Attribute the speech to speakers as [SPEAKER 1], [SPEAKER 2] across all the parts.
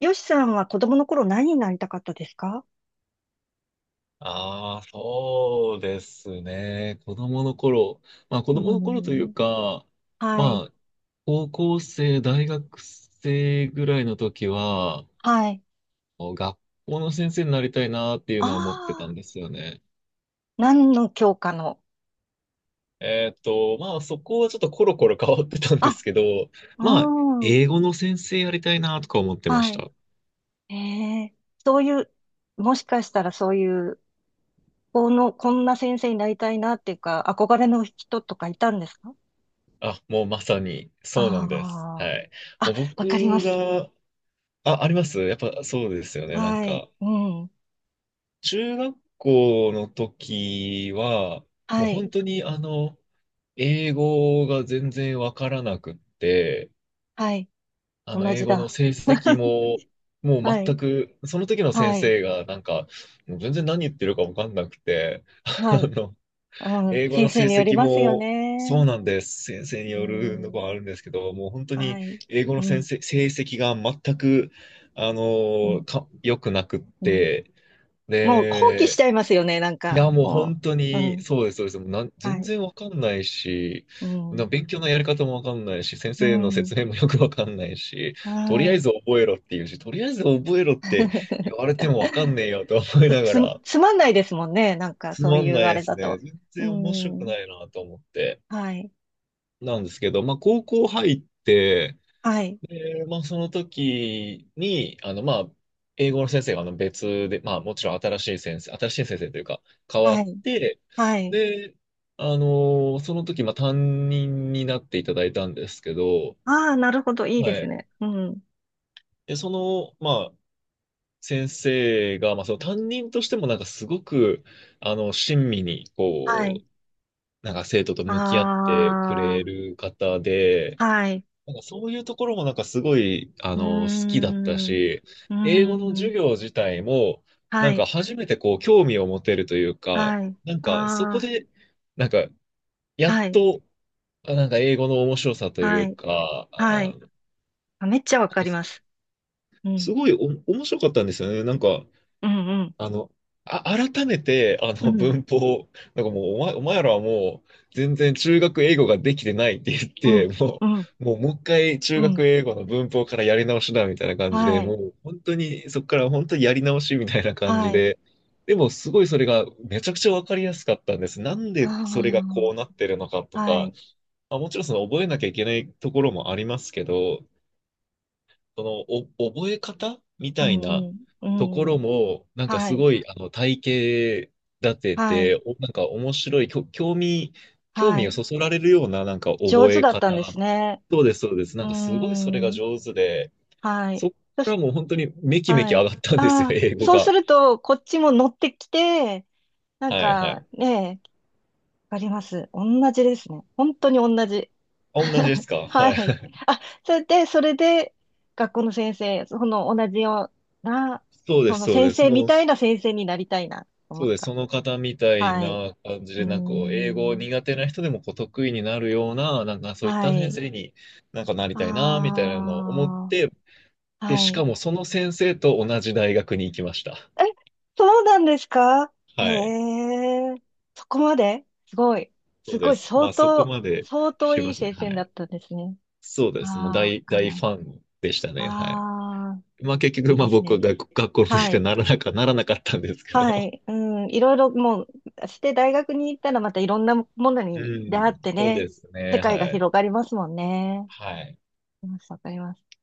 [SPEAKER 1] よしさんは子供の頃、何になりたかったですか？
[SPEAKER 2] ああ、そうですね。子供の頃。まあ子
[SPEAKER 1] う
[SPEAKER 2] 供の頃という
[SPEAKER 1] ん。
[SPEAKER 2] か、
[SPEAKER 1] はい。
[SPEAKER 2] まあ高校生、大学生ぐらいの時は、
[SPEAKER 1] はい。
[SPEAKER 2] 学校の先生になりたいなっていう
[SPEAKER 1] あ
[SPEAKER 2] のは思ってた
[SPEAKER 1] あ、
[SPEAKER 2] んですよね。
[SPEAKER 1] 何の教科の？
[SPEAKER 2] まあそこはちょっとコロコロ変わってたんで
[SPEAKER 1] あ、
[SPEAKER 2] すけど、まあ
[SPEAKER 1] うん。
[SPEAKER 2] 英語の先生やりたいなとか思ってま
[SPEAKER 1] は
[SPEAKER 2] し
[SPEAKER 1] い。
[SPEAKER 2] た。
[SPEAKER 1] ええ、そういう、もしかしたらそういう、この、こんな先生になりたいなっていうか、憧れの人とかいたんですか？
[SPEAKER 2] あ、もうまさに
[SPEAKER 1] あ
[SPEAKER 2] そうなんです。はい。
[SPEAKER 1] あー。あ、
[SPEAKER 2] もう
[SPEAKER 1] わかりま
[SPEAKER 2] 僕
[SPEAKER 1] す。
[SPEAKER 2] が、あ、ありますやっぱそうですよね。なん
[SPEAKER 1] はい。
[SPEAKER 2] か。
[SPEAKER 1] うん。
[SPEAKER 2] 中学校の時は、もう
[SPEAKER 1] は
[SPEAKER 2] 本
[SPEAKER 1] い。
[SPEAKER 2] 当に英語が全然わからなくって、
[SPEAKER 1] はい。同
[SPEAKER 2] 英
[SPEAKER 1] じ
[SPEAKER 2] 語の
[SPEAKER 1] だ。
[SPEAKER 2] 成績 も、もう
[SPEAKER 1] は
[SPEAKER 2] 全
[SPEAKER 1] い。
[SPEAKER 2] く、その時の先
[SPEAKER 1] はい。
[SPEAKER 2] 生がなんか、もう全然何言ってるかわかんなくて、あ
[SPEAKER 1] はい。
[SPEAKER 2] の、
[SPEAKER 1] うん。
[SPEAKER 2] 英語
[SPEAKER 1] 先
[SPEAKER 2] の成
[SPEAKER 1] 生により
[SPEAKER 2] 績
[SPEAKER 1] ますよ
[SPEAKER 2] も、そ
[SPEAKER 1] ね。
[SPEAKER 2] うなんです。先生に
[SPEAKER 1] う
[SPEAKER 2] よるのがあ
[SPEAKER 1] ん、
[SPEAKER 2] るんですけど、もう本当に
[SPEAKER 1] はい。
[SPEAKER 2] 英語の
[SPEAKER 1] う
[SPEAKER 2] 先
[SPEAKER 1] ん、
[SPEAKER 2] 生、成績が全く、
[SPEAKER 1] うん、
[SPEAKER 2] 良くなくっ
[SPEAKER 1] うん。
[SPEAKER 2] て、
[SPEAKER 1] もう放棄し
[SPEAKER 2] で、
[SPEAKER 1] ちゃいますよね、なん
[SPEAKER 2] い
[SPEAKER 1] か。
[SPEAKER 2] や、もう
[SPEAKER 1] も
[SPEAKER 2] 本当
[SPEAKER 1] う。う
[SPEAKER 2] に、
[SPEAKER 1] ん、
[SPEAKER 2] そうです、そうです。もうなん、
[SPEAKER 1] は
[SPEAKER 2] 全
[SPEAKER 1] い。
[SPEAKER 2] 然わかんないし、
[SPEAKER 1] うん、
[SPEAKER 2] 勉強のやり方もわかんないし、先
[SPEAKER 1] う
[SPEAKER 2] 生の
[SPEAKER 1] ん、
[SPEAKER 2] 説明もよくわかんないし、
[SPEAKER 1] あ
[SPEAKER 2] とりあえず
[SPEAKER 1] あ。
[SPEAKER 2] 覚えろっていうし、とりあえず覚えろって 言われてもわかんねえよと思い
[SPEAKER 1] つ、
[SPEAKER 2] なが
[SPEAKER 1] つ
[SPEAKER 2] ら、
[SPEAKER 1] つまんないですもんね、なんか
[SPEAKER 2] つ
[SPEAKER 1] そう
[SPEAKER 2] ま
[SPEAKER 1] い
[SPEAKER 2] ん
[SPEAKER 1] う
[SPEAKER 2] ない
[SPEAKER 1] あ
[SPEAKER 2] で
[SPEAKER 1] れ
[SPEAKER 2] す
[SPEAKER 1] だ
[SPEAKER 2] ね。
[SPEAKER 1] と。
[SPEAKER 2] 全
[SPEAKER 1] う
[SPEAKER 2] 然面白く
[SPEAKER 1] ん、
[SPEAKER 2] ないなと思って。
[SPEAKER 1] はい、
[SPEAKER 2] なんですけど、まあ、高校入って、
[SPEAKER 1] はい、
[SPEAKER 2] で、まあ、その時に、まあ、英語の先生があの別で、まあ、もちろん新しい先生、新しい先生というか、変わ
[SPEAKER 1] は
[SPEAKER 2] っ
[SPEAKER 1] い、
[SPEAKER 2] て、
[SPEAKER 1] はい。
[SPEAKER 2] で、その時、まあ、担任になっていただいたんですけど、
[SPEAKER 1] ああ、なるほど、いいで
[SPEAKER 2] は
[SPEAKER 1] す
[SPEAKER 2] い。
[SPEAKER 1] ね。うん、
[SPEAKER 2] で、その、まあ、先生が、まあ、その担任としても、なんか、すごく、親身に、
[SPEAKER 1] は
[SPEAKER 2] こ
[SPEAKER 1] い。
[SPEAKER 2] う、なんか、生徒と向き合ってくれ
[SPEAKER 1] あ
[SPEAKER 2] る方で、
[SPEAKER 1] あ、はい。
[SPEAKER 2] なんかそういうところもなんかすごい、
[SPEAKER 1] うー
[SPEAKER 2] 好きだった
[SPEAKER 1] ん、う
[SPEAKER 2] し、
[SPEAKER 1] ー
[SPEAKER 2] 英語の授
[SPEAKER 1] ん、
[SPEAKER 2] 業自体も、
[SPEAKER 1] は
[SPEAKER 2] なんか
[SPEAKER 1] い、
[SPEAKER 2] 初めてこう興味を持てるというか、
[SPEAKER 1] はい。
[SPEAKER 2] なんかそこ
[SPEAKER 1] あ
[SPEAKER 2] で、なんかや
[SPEAKER 1] あ、
[SPEAKER 2] っ
[SPEAKER 1] はい。
[SPEAKER 2] と、あなんか英語の面白さとい
[SPEAKER 1] は
[SPEAKER 2] う
[SPEAKER 1] い。
[SPEAKER 2] か、
[SPEAKER 1] は
[SPEAKER 2] あ、
[SPEAKER 1] い。あ、めっちゃわ
[SPEAKER 2] なん
[SPEAKER 1] か
[SPEAKER 2] か
[SPEAKER 1] り
[SPEAKER 2] す
[SPEAKER 1] ます。うん。
[SPEAKER 2] すごいお面白かったんですよね。なんか
[SPEAKER 1] うん、うん。
[SPEAKER 2] あの、あ、改めて、
[SPEAKER 1] うん。
[SPEAKER 2] 文法、なんかもう、お前らはもう、全然中学英語ができてないって言っ
[SPEAKER 1] う
[SPEAKER 2] て、
[SPEAKER 1] ん。うん。
[SPEAKER 2] もう一回
[SPEAKER 1] う
[SPEAKER 2] 中
[SPEAKER 1] ん。
[SPEAKER 2] 学英語の文法からやり直しだ、みたいな感じで、
[SPEAKER 1] は
[SPEAKER 2] も
[SPEAKER 1] い。
[SPEAKER 2] う、本当に、そこから本当にやり直しみたいな感じ
[SPEAKER 1] はい。
[SPEAKER 2] で、でも、すごいそれが、めちゃくちゃわかりやすかったんです。なんでそれが
[SPEAKER 1] あ
[SPEAKER 2] こうなってるのか
[SPEAKER 1] あ。
[SPEAKER 2] と
[SPEAKER 1] は
[SPEAKER 2] か、
[SPEAKER 1] い。
[SPEAKER 2] まあ、もちろんその覚えなきゃいけないところもありますけど、その、お、覚え方み
[SPEAKER 1] う
[SPEAKER 2] たい
[SPEAKER 1] ん、
[SPEAKER 2] な
[SPEAKER 1] うん。
[SPEAKER 2] とこ
[SPEAKER 1] うん。
[SPEAKER 2] ろも、なんか
[SPEAKER 1] は
[SPEAKER 2] す
[SPEAKER 1] い。
[SPEAKER 2] ごい、体系立て
[SPEAKER 1] はい。
[SPEAKER 2] て、なんか面白い、興味、興
[SPEAKER 1] は
[SPEAKER 2] 味を
[SPEAKER 1] い。
[SPEAKER 2] そそられるような、なんか
[SPEAKER 1] 上
[SPEAKER 2] 覚
[SPEAKER 1] 手
[SPEAKER 2] え
[SPEAKER 1] だっ
[SPEAKER 2] 方。
[SPEAKER 1] たんですね。
[SPEAKER 2] そうです、そうです。
[SPEAKER 1] う
[SPEAKER 2] な
[SPEAKER 1] ー
[SPEAKER 2] んかすごいそれが
[SPEAKER 1] ん。
[SPEAKER 2] 上手で、
[SPEAKER 1] は
[SPEAKER 2] そ
[SPEAKER 1] い。
[SPEAKER 2] っ
[SPEAKER 1] そ
[SPEAKER 2] か
[SPEAKER 1] し
[SPEAKER 2] らもう本当にめきめき
[SPEAKER 1] は
[SPEAKER 2] 上
[SPEAKER 1] い。
[SPEAKER 2] がったんですよ、
[SPEAKER 1] ああ、
[SPEAKER 2] 英語
[SPEAKER 1] そうす
[SPEAKER 2] が。
[SPEAKER 1] ると、こっちも乗ってきて、なん
[SPEAKER 2] はい、は
[SPEAKER 1] か
[SPEAKER 2] い。
[SPEAKER 1] ね、わかります。同じですね。本当に同じ。
[SPEAKER 2] あ、同じです か
[SPEAKER 1] は
[SPEAKER 2] は
[SPEAKER 1] い。
[SPEAKER 2] い。
[SPEAKER 1] あ、それで、学校の先生、その同じような、
[SPEAKER 2] そうで
[SPEAKER 1] そ
[SPEAKER 2] す、
[SPEAKER 1] の
[SPEAKER 2] そう
[SPEAKER 1] 先
[SPEAKER 2] です。
[SPEAKER 1] 生み
[SPEAKER 2] もう、
[SPEAKER 1] たいな先生になりたいな、と思
[SPEAKER 2] そう
[SPEAKER 1] っ
[SPEAKER 2] です。
[SPEAKER 1] た。
[SPEAKER 2] その方みたい
[SPEAKER 1] はい。
[SPEAKER 2] な感じ
[SPEAKER 1] うー
[SPEAKER 2] で、なんかこう英語
[SPEAKER 1] ん。
[SPEAKER 2] 苦手な人でもこう得意になるような、なんかそういっ
[SPEAKER 1] は
[SPEAKER 2] た先
[SPEAKER 1] い。
[SPEAKER 2] 生になんかなり
[SPEAKER 1] あ
[SPEAKER 2] たいな、みたいなのを思って、
[SPEAKER 1] あ、
[SPEAKER 2] で、
[SPEAKER 1] は
[SPEAKER 2] しか
[SPEAKER 1] い。
[SPEAKER 2] もその先生と同じ大学に行きました。
[SPEAKER 1] え、そうなんですか？へ
[SPEAKER 2] はい。
[SPEAKER 1] え、そこまでですごい。
[SPEAKER 2] そ
[SPEAKER 1] す
[SPEAKER 2] う
[SPEAKER 1] ご
[SPEAKER 2] で
[SPEAKER 1] い、
[SPEAKER 2] す。ま
[SPEAKER 1] 相
[SPEAKER 2] あそこ
[SPEAKER 1] 当、
[SPEAKER 2] まで
[SPEAKER 1] 相
[SPEAKER 2] し
[SPEAKER 1] 当
[SPEAKER 2] て
[SPEAKER 1] い
[SPEAKER 2] ま
[SPEAKER 1] い
[SPEAKER 2] した
[SPEAKER 1] 先
[SPEAKER 2] ね。
[SPEAKER 1] 生
[SPEAKER 2] は
[SPEAKER 1] だっ
[SPEAKER 2] い。
[SPEAKER 1] たんですね。
[SPEAKER 2] そうです。もう
[SPEAKER 1] ああ、わ
[SPEAKER 2] 大、
[SPEAKER 1] かり
[SPEAKER 2] 大
[SPEAKER 1] ま
[SPEAKER 2] フ
[SPEAKER 1] す。
[SPEAKER 2] ァンでしたね。はい。
[SPEAKER 1] ああ。
[SPEAKER 2] まあ結
[SPEAKER 1] いい
[SPEAKER 2] 局、ま
[SPEAKER 1] で
[SPEAKER 2] あ
[SPEAKER 1] す
[SPEAKER 2] 僕は
[SPEAKER 1] ね。
[SPEAKER 2] 学、学校の先
[SPEAKER 1] は
[SPEAKER 2] 生に
[SPEAKER 1] い。
[SPEAKER 2] ならなか、ならなかったんですけど。
[SPEAKER 1] はい。うん。いろいろもう、して大学に行ったらまたいろんなもの
[SPEAKER 2] う
[SPEAKER 1] に出
[SPEAKER 2] ん。
[SPEAKER 1] 会って
[SPEAKER 2] そう
[SPEAKER 1] ね、
[SPEAKER 2] です
[SPEAKER 1] 世
[SPEAKER 2] ね。
[SPEAKER 1] 界が
[SPEAKER 2] はい。
[SPEAKER 1] 広がりますもんね。
[SPEAKER 2] はい。
[SPEAKER 1] わかります。わかります。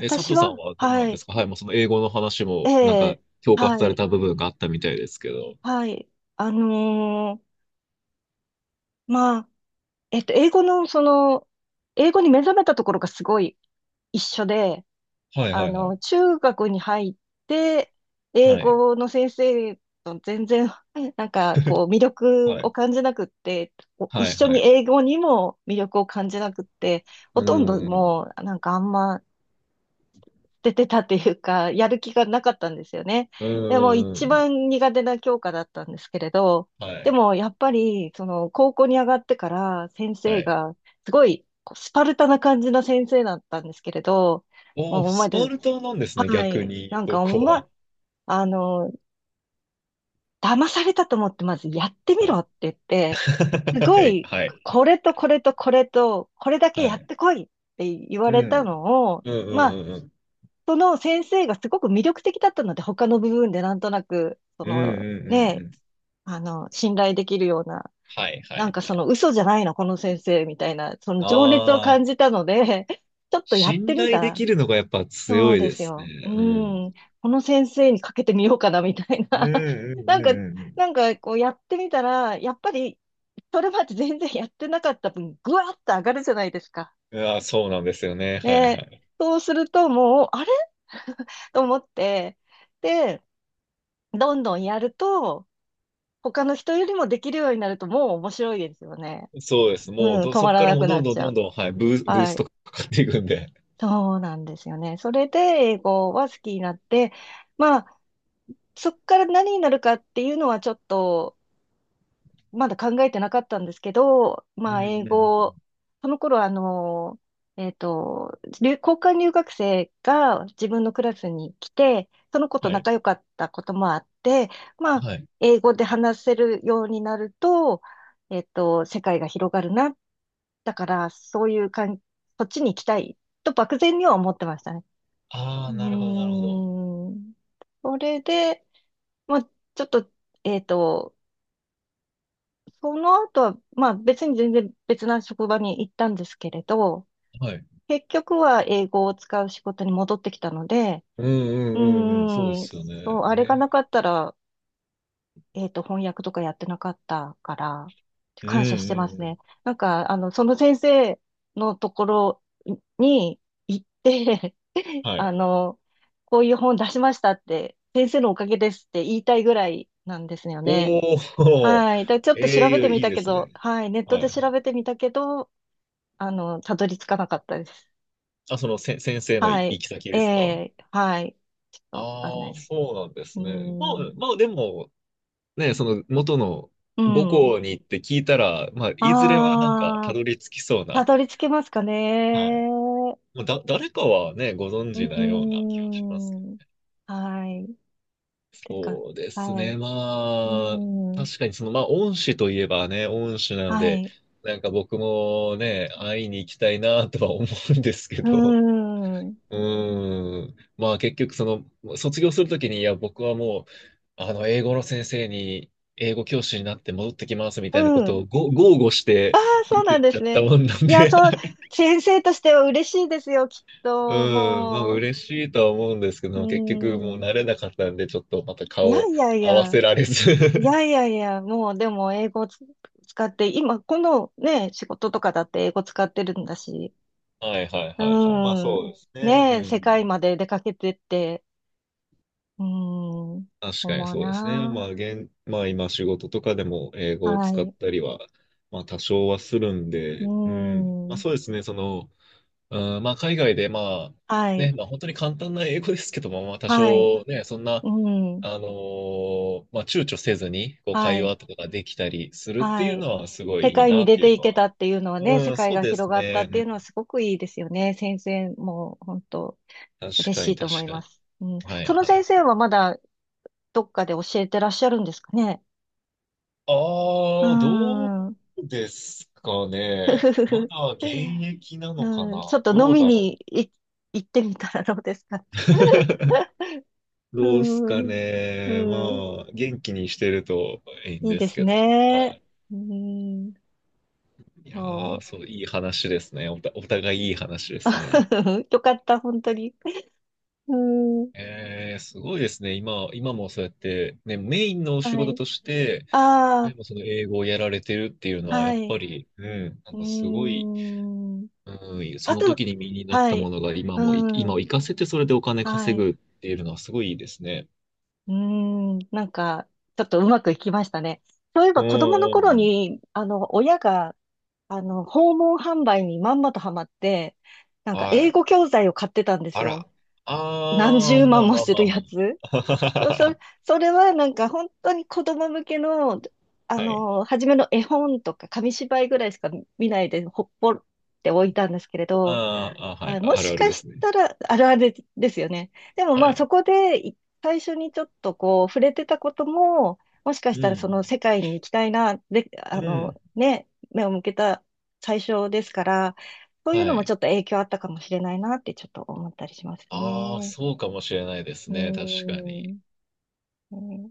[SPEAKER 2] え、佐藤さん
[SPEAKER 1] は、
[SPEAKER 2] はどうな
[SPEAKER 1] は
[SPEAKER 2] んで
[SPEAKER 1] い。
[SPEAKER 2] すかはい、もうその英語の話
[SPEAKER 1] え
[SPEAKER 2] も、なんか、
[SPEAKER 1] え、
[SPEAKER 2] 共感
[SPEAKER 1] は
[SPEAKER 2] され
[SPEAKER 1] い。
[SPEAKER 2] た部分があったみたいですけど。
[SPEAKER 1] はい。あのーまあ、英語の、その、英語に目覚めたところがすごい一緒で、
[SPEAKER 2] はいはいはい。
[SPEAKER 1] 中学に入って、英
[SPEAKER 2] はい。
[SPEAKER 1] 語の先生と全然、なんかこう、魅力
[SPEAKER 2] は
[SPEAKER 1] を
[SPEAKER 2] い。
[SPEAKER 1] 感じなくって、お一
[SPEAKER 2] はい
[SPEAKER 1] 緒
[SPEAKER 2] は
[SPEAKER 1] に
[SPEAKER 2] い。
[SPEAKER 1] 英語にも魅力を感じなくって、
[SPEAKER 2] う
[SPEAKER 1] ほとんど
[SPEAKER 2] ん。
[SPEAKER 1] もう、なんかあんま出てたっていうか、やる気がなかったんですよね。
[SPEAKER 2] う
[SPEAKER 1] でも、
[SPEAKER 2] ん。う
[SPEAKER 1] 一
[SPEAKER 2] ん。
[SPEAKER 1] 番苦手な教科だったんですけれど、
[SPEAKER 2] は
[SPEAKER 1] で
[SPEAKER 2] い。
[SPEAKER 1] も、やっぱり、その、高校に上がってから、先
[SPEAKER 2] は
[SPEAKER 1] 生
[SPEAKER 2] い。
[SPEAKER 1] が、すごい、こうスパルタな感じの先生だったんですけれど、
[SPEAKER 2] お
[SPEAKER 1] も
[SPEAKER 2] ー、
[SPEAKER 1] うお
[SPEAKER 2] ス
[SPEAKER 1] 前
[SPEAKER 2] パ
[SPEAKER 1] たち、
[SPEAKER 2] ルタなんですね、
[SPEAKER 1] は
[SPEAKER 2] 逆
[SPEAKER 1] い。
[SPEAKER 2] に、
[SPEAKER 1] なん
[SPEAKER 2] そ
[SPEAKER 1] か、お
[SPEAKER 2] こ
[SPEAKER 1] ま、
[SPEAKER 2] は。
[SPEAKER 1] あの、騙されたと思って、まずやってみ
[SPEAKER 2] はい。
[SPEAKER 1] ろって言って、す
[SPEAKER 2] は
[SPEAKER 1] ご
[SPEAKER 2] い。
[SPEAKER 1] い、
[SPEAKER 2] はい。
[SPEAKER 1] これとこれとこれと、これだけ
[SPEAKER 2] は
[SPEAKER 1] やっ
[SPEAKER 2] い
[SPEAKER 1] てこいって言わ
[SPEAKER 2] う
[SPEAKER 1] れた
[SPEAKER 2] ん。
[SPEAKER 1] のを、
[SPEAKER 2] うんう
[SPEAKER 1] ま
[SPEAKER 2] ん
[SPEAKER 1] あ、
[SPEAKER 2] うんうん。
[SPEAKER 1] その先生がすごく魅力的だったので、他の部分でなんとなく、そ
[SPEAKER 2] うんう
[SPEAKER 1] の、
[SPEAKER 2] んうんう
[SPEAKER 1] ね、
[SPEAKER 2] ん。
[SPEAKER 1] 信頼できるような、
[SPEAKER 2] はいは
[SPEAKER 1] なん
[SPEAKER 2] い。
[SPEAKER 1] かその嘘じゃないの、この先生みたいな、その情熱を
[SPEAKER 2] ああ、
[SPEAKER 1] 感じたので、ちょっとやっ
[SPEAKER 2] 信
[SPEAKER 1] てみ
[SPEAKER 2] 頼
[SPEAKER 1] た
[SPEAKER 2] で
[SPEAKER 1] ら、
[SPEAKER 2] きるのがやっぱ
[SPEAKER 1] そ
[SPEAKER 2] 強
[SPEAKER 1] う
[SPEAKER 2] い
[SPEAKER 1] で
[SPEAKER 2] で
[SPEAKER 1] す
[SPEAKER 2] す
[SPEAKER 1] よ。う
[SPEAKER 2] ね。うん。
[SPEAKER 1] ん。この先生にかけてみようかな、みたい
[SPEAKER 2] う
[SPEAKER 1] な。
[SPEAKER 2] んう
[SPEAKER 1] なん
[SPEAKER 2] んう
[SPEAKER 1] か、
[SPEAKER 2] んうんうん。
[SPEAKER 1] こうやってみたら、やっぱり、それまで全然やってなかった分、ぐわっと上がるじゃないですか。
[SPEAKER 2] いや、そうなんですよね。はいは
[SPEAKER 1] で、
[SPEAKER 2] い。
[SPEAKER 1] そうするともう、あれ と思って、で、どんどんやると、他の人よりもできるようになると、もう面白いですよね。
[SPEAKER 2] そうです。
[SPEAKER 1] う
[SPEAKER 2] もう
[SPEAKER 1] ん、
[SPEAKER 2] ど、
[SPEAKER 1] 止
[SPEAKER 2] そ
[SPEAKER 1] ま
[SPEAKER 2] こ
[SPEAKER 1] ら
[SPEAKER 2] から
[SPEAKER 1] な
[SPEAKER 2] もう
[SPEAKER 1] く
[SPEAKER 2] ど
[SPEAKER 1] な
[SPEAKER 2] ん
[SPEAKER 1] っ
[SPEAKER 2] どん
[SPEAKER 1] ちゃ
[SPEAKER 2] どん
[SPEAKER 1] う。
[SPEAKER 2] どん、はい、ブー
[SPEAKER 1] は
[SPEAKER 2] ス
[SPEAKER 1] い。
[SPEAKER 2] トかかっていくんで。
[SPEAKER 1] そうなんですよね。それで、英語は好きになって、まあ、そっから何になるかっていうのはちょっと、まだ考えてなかったんですけど、
[SPEAKER 2] うん
[SPEAKER 1] ま
[SPEAKER 2] う
[SPEAKER 1] あ、英
[SPEAKER 2] んうん
[SPEAKER 1] 語、その頃交換留学生が自分のクラスに来て、その子と
[SPEAKER 2] はい。
[SPEAKER 1] 仲良かったこともあって、ま
[SPEAKER 2] は
[SPEAKER 1] あ、
[SPEAKER 2] い。
[SPEAKER 1] 英語で話せるようになると、世界が広がるな。だから、そういうかん、そっちに行きたいと漠然には思ってましたね。
[SPEAKER 2] あ
[SPEAKER 1] う
[SPEAKER 2] あ、なるほど、なるほど。
[SPEAKER 1] ーん。それで、まあ、ちょっと、えっと、その後は、まあ別に全然別な職場に行ったんですけれど、
[SPEAKER 2] はい。
[SPEAKER 1] 結局は英語を使う仕事に戻ってきたので、
[SPEAKER 2] うんう
[SPEAKER 1] う
[SPEAKER 2] んうんうん。そうで
[SPEAKER 1] ーん、
[SPEAKER 2] すよね。
[SPEAKER 1] そう、あれがな
[SPEAKER 2] ね。
[SPEAKER 1] かったら、翻訳とかやってなかったから、
[SPEAKER 2] うん
[SPEAKER 1] 感謝
[SPEAKER 2] う
[SPEAKER 1] してます
[SPEAKER 2] んうん。
[SPEAKER 1] ね。なんか、その先生のところに行って、
[SPEAKER 2] はい。
[SPEAKER 1] あの、こういう本出しましたって、先生のおかげですって言いたいぐらいなんですよね。
[SPEAKER 2] おお、
[SPEAKER 1] はい。で、ちょっと調
[SPEAKER 2] え
[SPEAKER 1] べて
[SPEAKER 2] え
[SPEAKER 1] み
[SPEAKER 2] いい
[SPEAKER 1] た
[SPEAKER 2] で
[SPEAKER 1] け
[SPEAKER 2] す
[SPEAKER 1] ど、
[SPEAKER 2] ね。
[SPEAKER 1] はい。ネット
[SPEAKER 2] はい
[SPEAKER 1] で
[SPEAKER 2] は
[SPEAKER 1] 調
[SPEAKER 2] い。
[SPEAKER 1] べてみたけど、たどり着かなかったです。
[SPEAKER 2] あ、そのせ、先生の
[SPEAKER 1] は
[SPEAKER 2] 行
[SPEAKER 1] い。
[SPEAKER 2] き先
[SPEAKER 1] え
[SPEAKER 2] ですか
[SPEAKER 1] え、はい。ち
[SPEAKER 2] あ
[SPEAKER 1] ょっとわかんな
[SPEAKER 2] あ
[SPEAKER 1] い
[SPEAKER 2] ー、
[SPEAKER 1] です。
[SPEAKER 2] そうなんで
[SPEAKER 1] う
[SPEAKER 2] す
[SPEAKER 1] ー
[SPEAKER 2] ね。まあ、
[SPEAKER 1] ん。
[SPEAKER 2] まあでも、ね、その元の
[SPEAKER 1] う
[SPEAKER 2] 母
[SPEAKER 1] ん。
[SPEAKER 2] 校に行って聞いたら、まあ、いずれはなんかた
[SPEAKER 1] ああ、
[SPEAKER 2] どり着きそう
[SPEAKER 1] た
[SPEAKER 2] な、
[SPEAKER 1] どり着けますか
[SPEAKER 2] はい。
[SPEAKER 1] ね。
[SPEAKER 2] まあ、誰かはね、ご存
[SPEAKER 1] う
[SPEAKER 2] 知なような
[SPEAKER 1] ー
[SPEAKER 2] 気がしますけ
[SPEAKER 1] ん。
[SPEAKER 2] ど。
[SPEAKER 1] はい。てか、
[SPEAKER 2] そうです
[SPEAKER 1] はい。
[SPEAKER 2] ね、
[SPEAKER 1] うー
[SPEAKER 2] まあ、確
[SPEAKER 1] ん。
[SPEAKER 2] かにその、まあ、恩師といえばね、恩師なの
[SPEAKER 1] は
[SPEAKER 2] で、
[SPEAKER 1] い。
[SPEAKER 2] なんか僕もね、会いに行きたいなとは思うんですけ
[SPEAKER 1] うー
[SPEAKER 2] ど。
[SPEAKER 1] ん。
[SPEAKER 2] うーん。まあ結局その、卒業するときに、いや、僕はもう、英語の先生に、英語教師になって戻ってきますみ
[SPEAKER 1] う
[SPEAKER 2] たいなこと
[SPEAKER 1] ん。
[SPEAKER 2] をご豪語し
[SPEAKER 1] あ
[SPEAKER 2] て
[SPEAKER 1] あ、そ
[SPEAKER 2] 出
[SPEAKER 1] うな
[SPEAKER 2] て
[SPEAKER 1] ん
[SPEAKER 2] っ
[SPEAKER 1] で
[SPEAKER 2] ちゃ
[SPEAKER 1] す
[SPEAKER 2] った
[SPEAKER 1] ね。
[SPEAKER 2] もんなん
[SPEAKER 1] いや、
[SPEAKER 2] で
[SPEAKER 1] そう、先生としては嬉しいですよ、きっ と。
[SPEAKER 2] うん、まあ
[SPEAKER 1] もう、
[SPEAKER 2] 嬉しいとは思うんですけ
[SPEAKER 1] うー
[SPEAKER 2] ど、結局もう
[SPEAKER 1] ん。
[SPEAKER 2] 慣れなかったんで、ちょっとまた
[SPEAKER 1] いや
[SPEAKER 2] 顔
[SPEAKER 1] いやい
[SPEAKER 2] 合わ
[SPEAKER 1] や、
[SPEAKER 2] せられ
[SPEAKER 1] い
[SPEAKER 2] ず
[SPEAKER 1] やいやいや、もうでも英語を使って、今、このね、仕事とかだって英語使ってるんだし、
[SPEAKER 2] はいはい
[SPEAKER 1] う
[SPEAKER 2] はいはい。まあそ
[SPEAKER 1] ー
[SPEAKER 2] う
[SPEAKER 1] ん。
[SPEAKER 2] ですね。う
[SPEAKER 1] ねえ、世界
[SPEAKER 2] ん。
[SPEAKER 1] まで出かけてって、うーん。
[SPEAKER 2] 確かに
[SPEAKER 1] 思う
[SPEAKER 2] そうですね。
[SPEAKER 1] な。
[SPEAKER 2] まあ今仕事とかでも英語を
[SPEAKER 1] は
[SPEAKER 2] 使っ
[SPEAKER 1] い。
[SPEAKER 2] たりは、まあ多少はするん
[SPEAKER 1] う
[SPEAKER 2] で、うん。
[SPEAKER 1] ー
[SPEAKER 2] まあそ
[SPEAKER 1] ん。
[SPEAKER 2] うですね、その、うん、まあ海外でまあ、
[SPEAKER 1] は
[SPEAKER 2] ね、
[SPEAKER 1] い。
[SPEAKER 2] まあ本当に簡単な英語ですけども、まあ多
[SPEAKER 1] はい。
[SPEAKER 2] 少ね、そん
[SPEAKER 1] う
[SPEAKER 2] な、
[SPEAKER 1] ーん。
[SPEAKER 2] まあ躊躇せずに、こう
[SPEAKER 1] は
[SPEAKER 2] 会
[SPEAKER 1] い。
[SPEAKER 2] 話とかができたりするって
[SPEAKER 1] は
[SPEAKER 2] いう
[SPEAKER 1] い。
[SPEAKER 2] のはすご
[SPEAKER 1] 世
[SPEAKER 2] いいい
[SPEAKER 1] 界
[SPEAKER 2] な
[SPEAKER 1] に
[SPEAKER 2] っ
[SPEAKER 1] 出
[SPEAKER 2] てい
[SPEAKER 1] て
[SPEAKER 2] う
[SPEAKER 1] い
[SPEAKER 2] の
[SPEAKER 1] け
[SPEAKER 2] は。
[SPEAKER 1] たっていうのはね、
[SPEAKER 2] う
[SPEAKER 1] 世
[SPEAKER 2] ん、
[SPEAKER 1] 界
[SPEAKER 2] そう
[SPEAKER 1] が
[SPEAKER 2] で
[SPEAKER 1] 広
[SPEAKER 2] す
[SPEAKER 1] がった
[SPEAKER 2] ね。
[SPEAKER 1] っ
[SPEAKER 2] う
[SPEAKER 1] ていうのは
[SPEAKER 2] ん、
[SPEAKER 1] すごくいいですよね。先生も、本当
[SPEAKER 2] 確
[SPEAKER 1] 嬉
[SPEAKER 2] か
[SPEAKER 1] し
[SPEAKER 2] に
[SPEAKER 1] いと
[SPEAKER 2] 確
[SPEAKER 1] 思い
[SPEAKER 2] か
[SPEAKER 1] ま
[SPEAKER 2] に。
[SPEAKER 1] す。うん。
[SPEAKER 2] はい
[SPEAKER 1] その
[SPEAKER 2] は
[SPEAKER 1] 先
[SPEAKER 2] い。
[SPEAKER 1] 生はまだどっかで教えてらっしゃるんですかね？
[SPEAKER 2] あ
[SPEAKER 1] うー
[SPEAKER 2] あ、ど
[SPEAKER 1] ん。
[SPEAKER 2] うですか
[SPEAKER 1] ふふ
[SPEAKER 2] ね。
[SPEAKER 1] ふ
[SPEAKER 2] ま
[SPEAKER 1] ふ。
[SPEAKER 2] だ現役なのか
[SPEAKER 1] うん。ちょっ
[SPEAKER 2] な。
[SPEAKER 1] と飲
[SPEAKER 2] どう
[SPEAKER 1] み
[SPEAKER 2] だ
[SPEAKER 1] に
[SPEAKER 2] ろ
[SPEAKER 1] 行ってみたらどうですか？
[SPEAKER 2] う。
[SPEAKER 1] う
[SPEAKER 2] どうすか
[SPEAKER 1] ーん。う
[SPEAKER 2] ね。
[SPEAKER 1] ん。
[SPEAKER 2] まあ、元気にしてるといいん
[SPEAKER 1] いい
[SPEAKER 2] で
[SPEAKER 1] で
[SPEAKER 2] す
[SPEAKER 1] す
[SPEAKER 2] けども。は
[SPEAKER 1] ね。
[SPEAKER 2] い。
[SPEAKER 1] うーん。
[SPEAKER 2] いやー、
[SPEAKER 1] そ
[SPEAKER 2] そう、いい話ですね。お互いいい話で
[SPEAKER 1] う。
[SPEAKER 2] すね。
[SPEAKER 1] よかった、本当に。うーん。
[SPEAKER 2] えー、すごいですね。今、今もそうやって、ね、メインのお仕
[SPEAKER 1] は
[SPEAKER 2] 事
[SPEAKER 1] い。
[SPEAKER 2] として、
[SPEAKER 1] あ
[SPEAKER 2] でもその英語をやられてるっていうの
[SPEAKER 1] あ、
[SPEAKER 2] は、や
[SPEAKER 1] は
[SPEAKER 2] っ
[SPEAKER 1] い。
[SPEAKER 2] ぱり、うん、な
[SPEAKER 1] う
[SPEAKER 2] ん
[SPEAKER 1] ー
[SPEAKER 2] かすごい
[SPEAKER 1] ん。
[SPEAKER 2] うん、そ
[SPEAKER 1] あ
[SPEAKER 2] の時
[SPEAKER 1] と、
[SPEAKER 2] に身になっ
[SPEAKER 1] は
[SPEAKER 2] たも
[SPEAKER 1] い。
[SPEAKER 2] のが今もい、
[SPEAKER 1] う
[SPEAKER 2] 今を
[SPEAKER 1] ん。
[SPEAKER 2] 活かせてそれでお金
[SPEAKER 1] は
[SPEAKER 2] 稼
[SPEAKER 1] い。
[SPEAKER 2] ぐっていうのはすごいいいですね。
[SPEAKER 1] うーん、なんか、ちょっとうまくいきましたね。そういえ
[SPEAKER 2] う
[SPEAKER 1] ば
[SPEAKER 2] ん
[SPEAKER 1] 子供の
[SPEAKER 2] うん
[SPEAKER 1] 頃
[SPEAKER 2] うん。
[SPEAKER 1] に、親が、訪問販売にまんまとハマって、なんか
[SPEAKER 2] は
[SPEAKER 1] 英
[SPEAKER 2] い。
[SPEAKER 1] 語教材を買ってたんです
[SPEAKER 2] あら。
[SPEAKER 1] よ。何
[SPEAKER 2] あ
[SPEAKER 1] 十
[SPEAKER 2] ー、ま
[SPEAKER 1] 万
[SPEAKER 2] あ
[SPEAKER 1] も
[SPEAKER 2] まあ
[SPEAKER 1] す
[SPEAKER 2] ま
[SPEAKER 1] る
[SPEAKER 2] あま
[SPEAKER 1] やつ。
[SPEAKER 2] あ。
[SPEAKER 1] そ、そ それはなんか本当に子供向けの、
[SPEAKER 2] はい。
[SPEAKER 1] 初めの絵本とか紙芝居ぐらいしか見ないで、ほっぽって置いたんですけれど、
[SPEAKER 2] あーあ、は
[SPEAKER 1] は
[SPEAKER 2] い。
[SPEAKER 1] い、も
[SPEAKER 2] あ
[SPEAKER 1] し
[SPEAKER 2] るある
[SPEAKER 1] か
[SPEAKER 2] で
[SPEAKER 1] し
[SPEAKER 2] すね。
[SPEAKER 1] たら、あるあるですよね。でも
[SPEAKER 2] は
[SPEAKER 1] まあそ
[SPEAKER 2] い。
[SPEAKER 1] こでい最初にちょっとこう触れてたことも、もしか
[SPEAKER 2] う
[SPEAKER 1] したらその
[SPEAKER 2] ん。
[SPEAKER 1] 世界に行きたいな、で、
[SPEAKER 2] う
[SPEAKER 1] あ
[SPEAKER 2] ん。
[SPEAKER 1] のね、目を向けた最初ですから、そういう
[SPEAKER 2] は
[SPEAKER 1] のもちょ
[SPEAKER 2] い。
[SPEAKER 1] っと影響あったかもしれないなってちょっと思ったりします
[SPEAKER 2] ああ、
[SPEAKER 1] ね。
[SPEAKER 2] そうかもしれないです
[SPEAKER 1] うー
[SPEAKER 2] ね。確かに。
[SPEAKER 1] ん。ね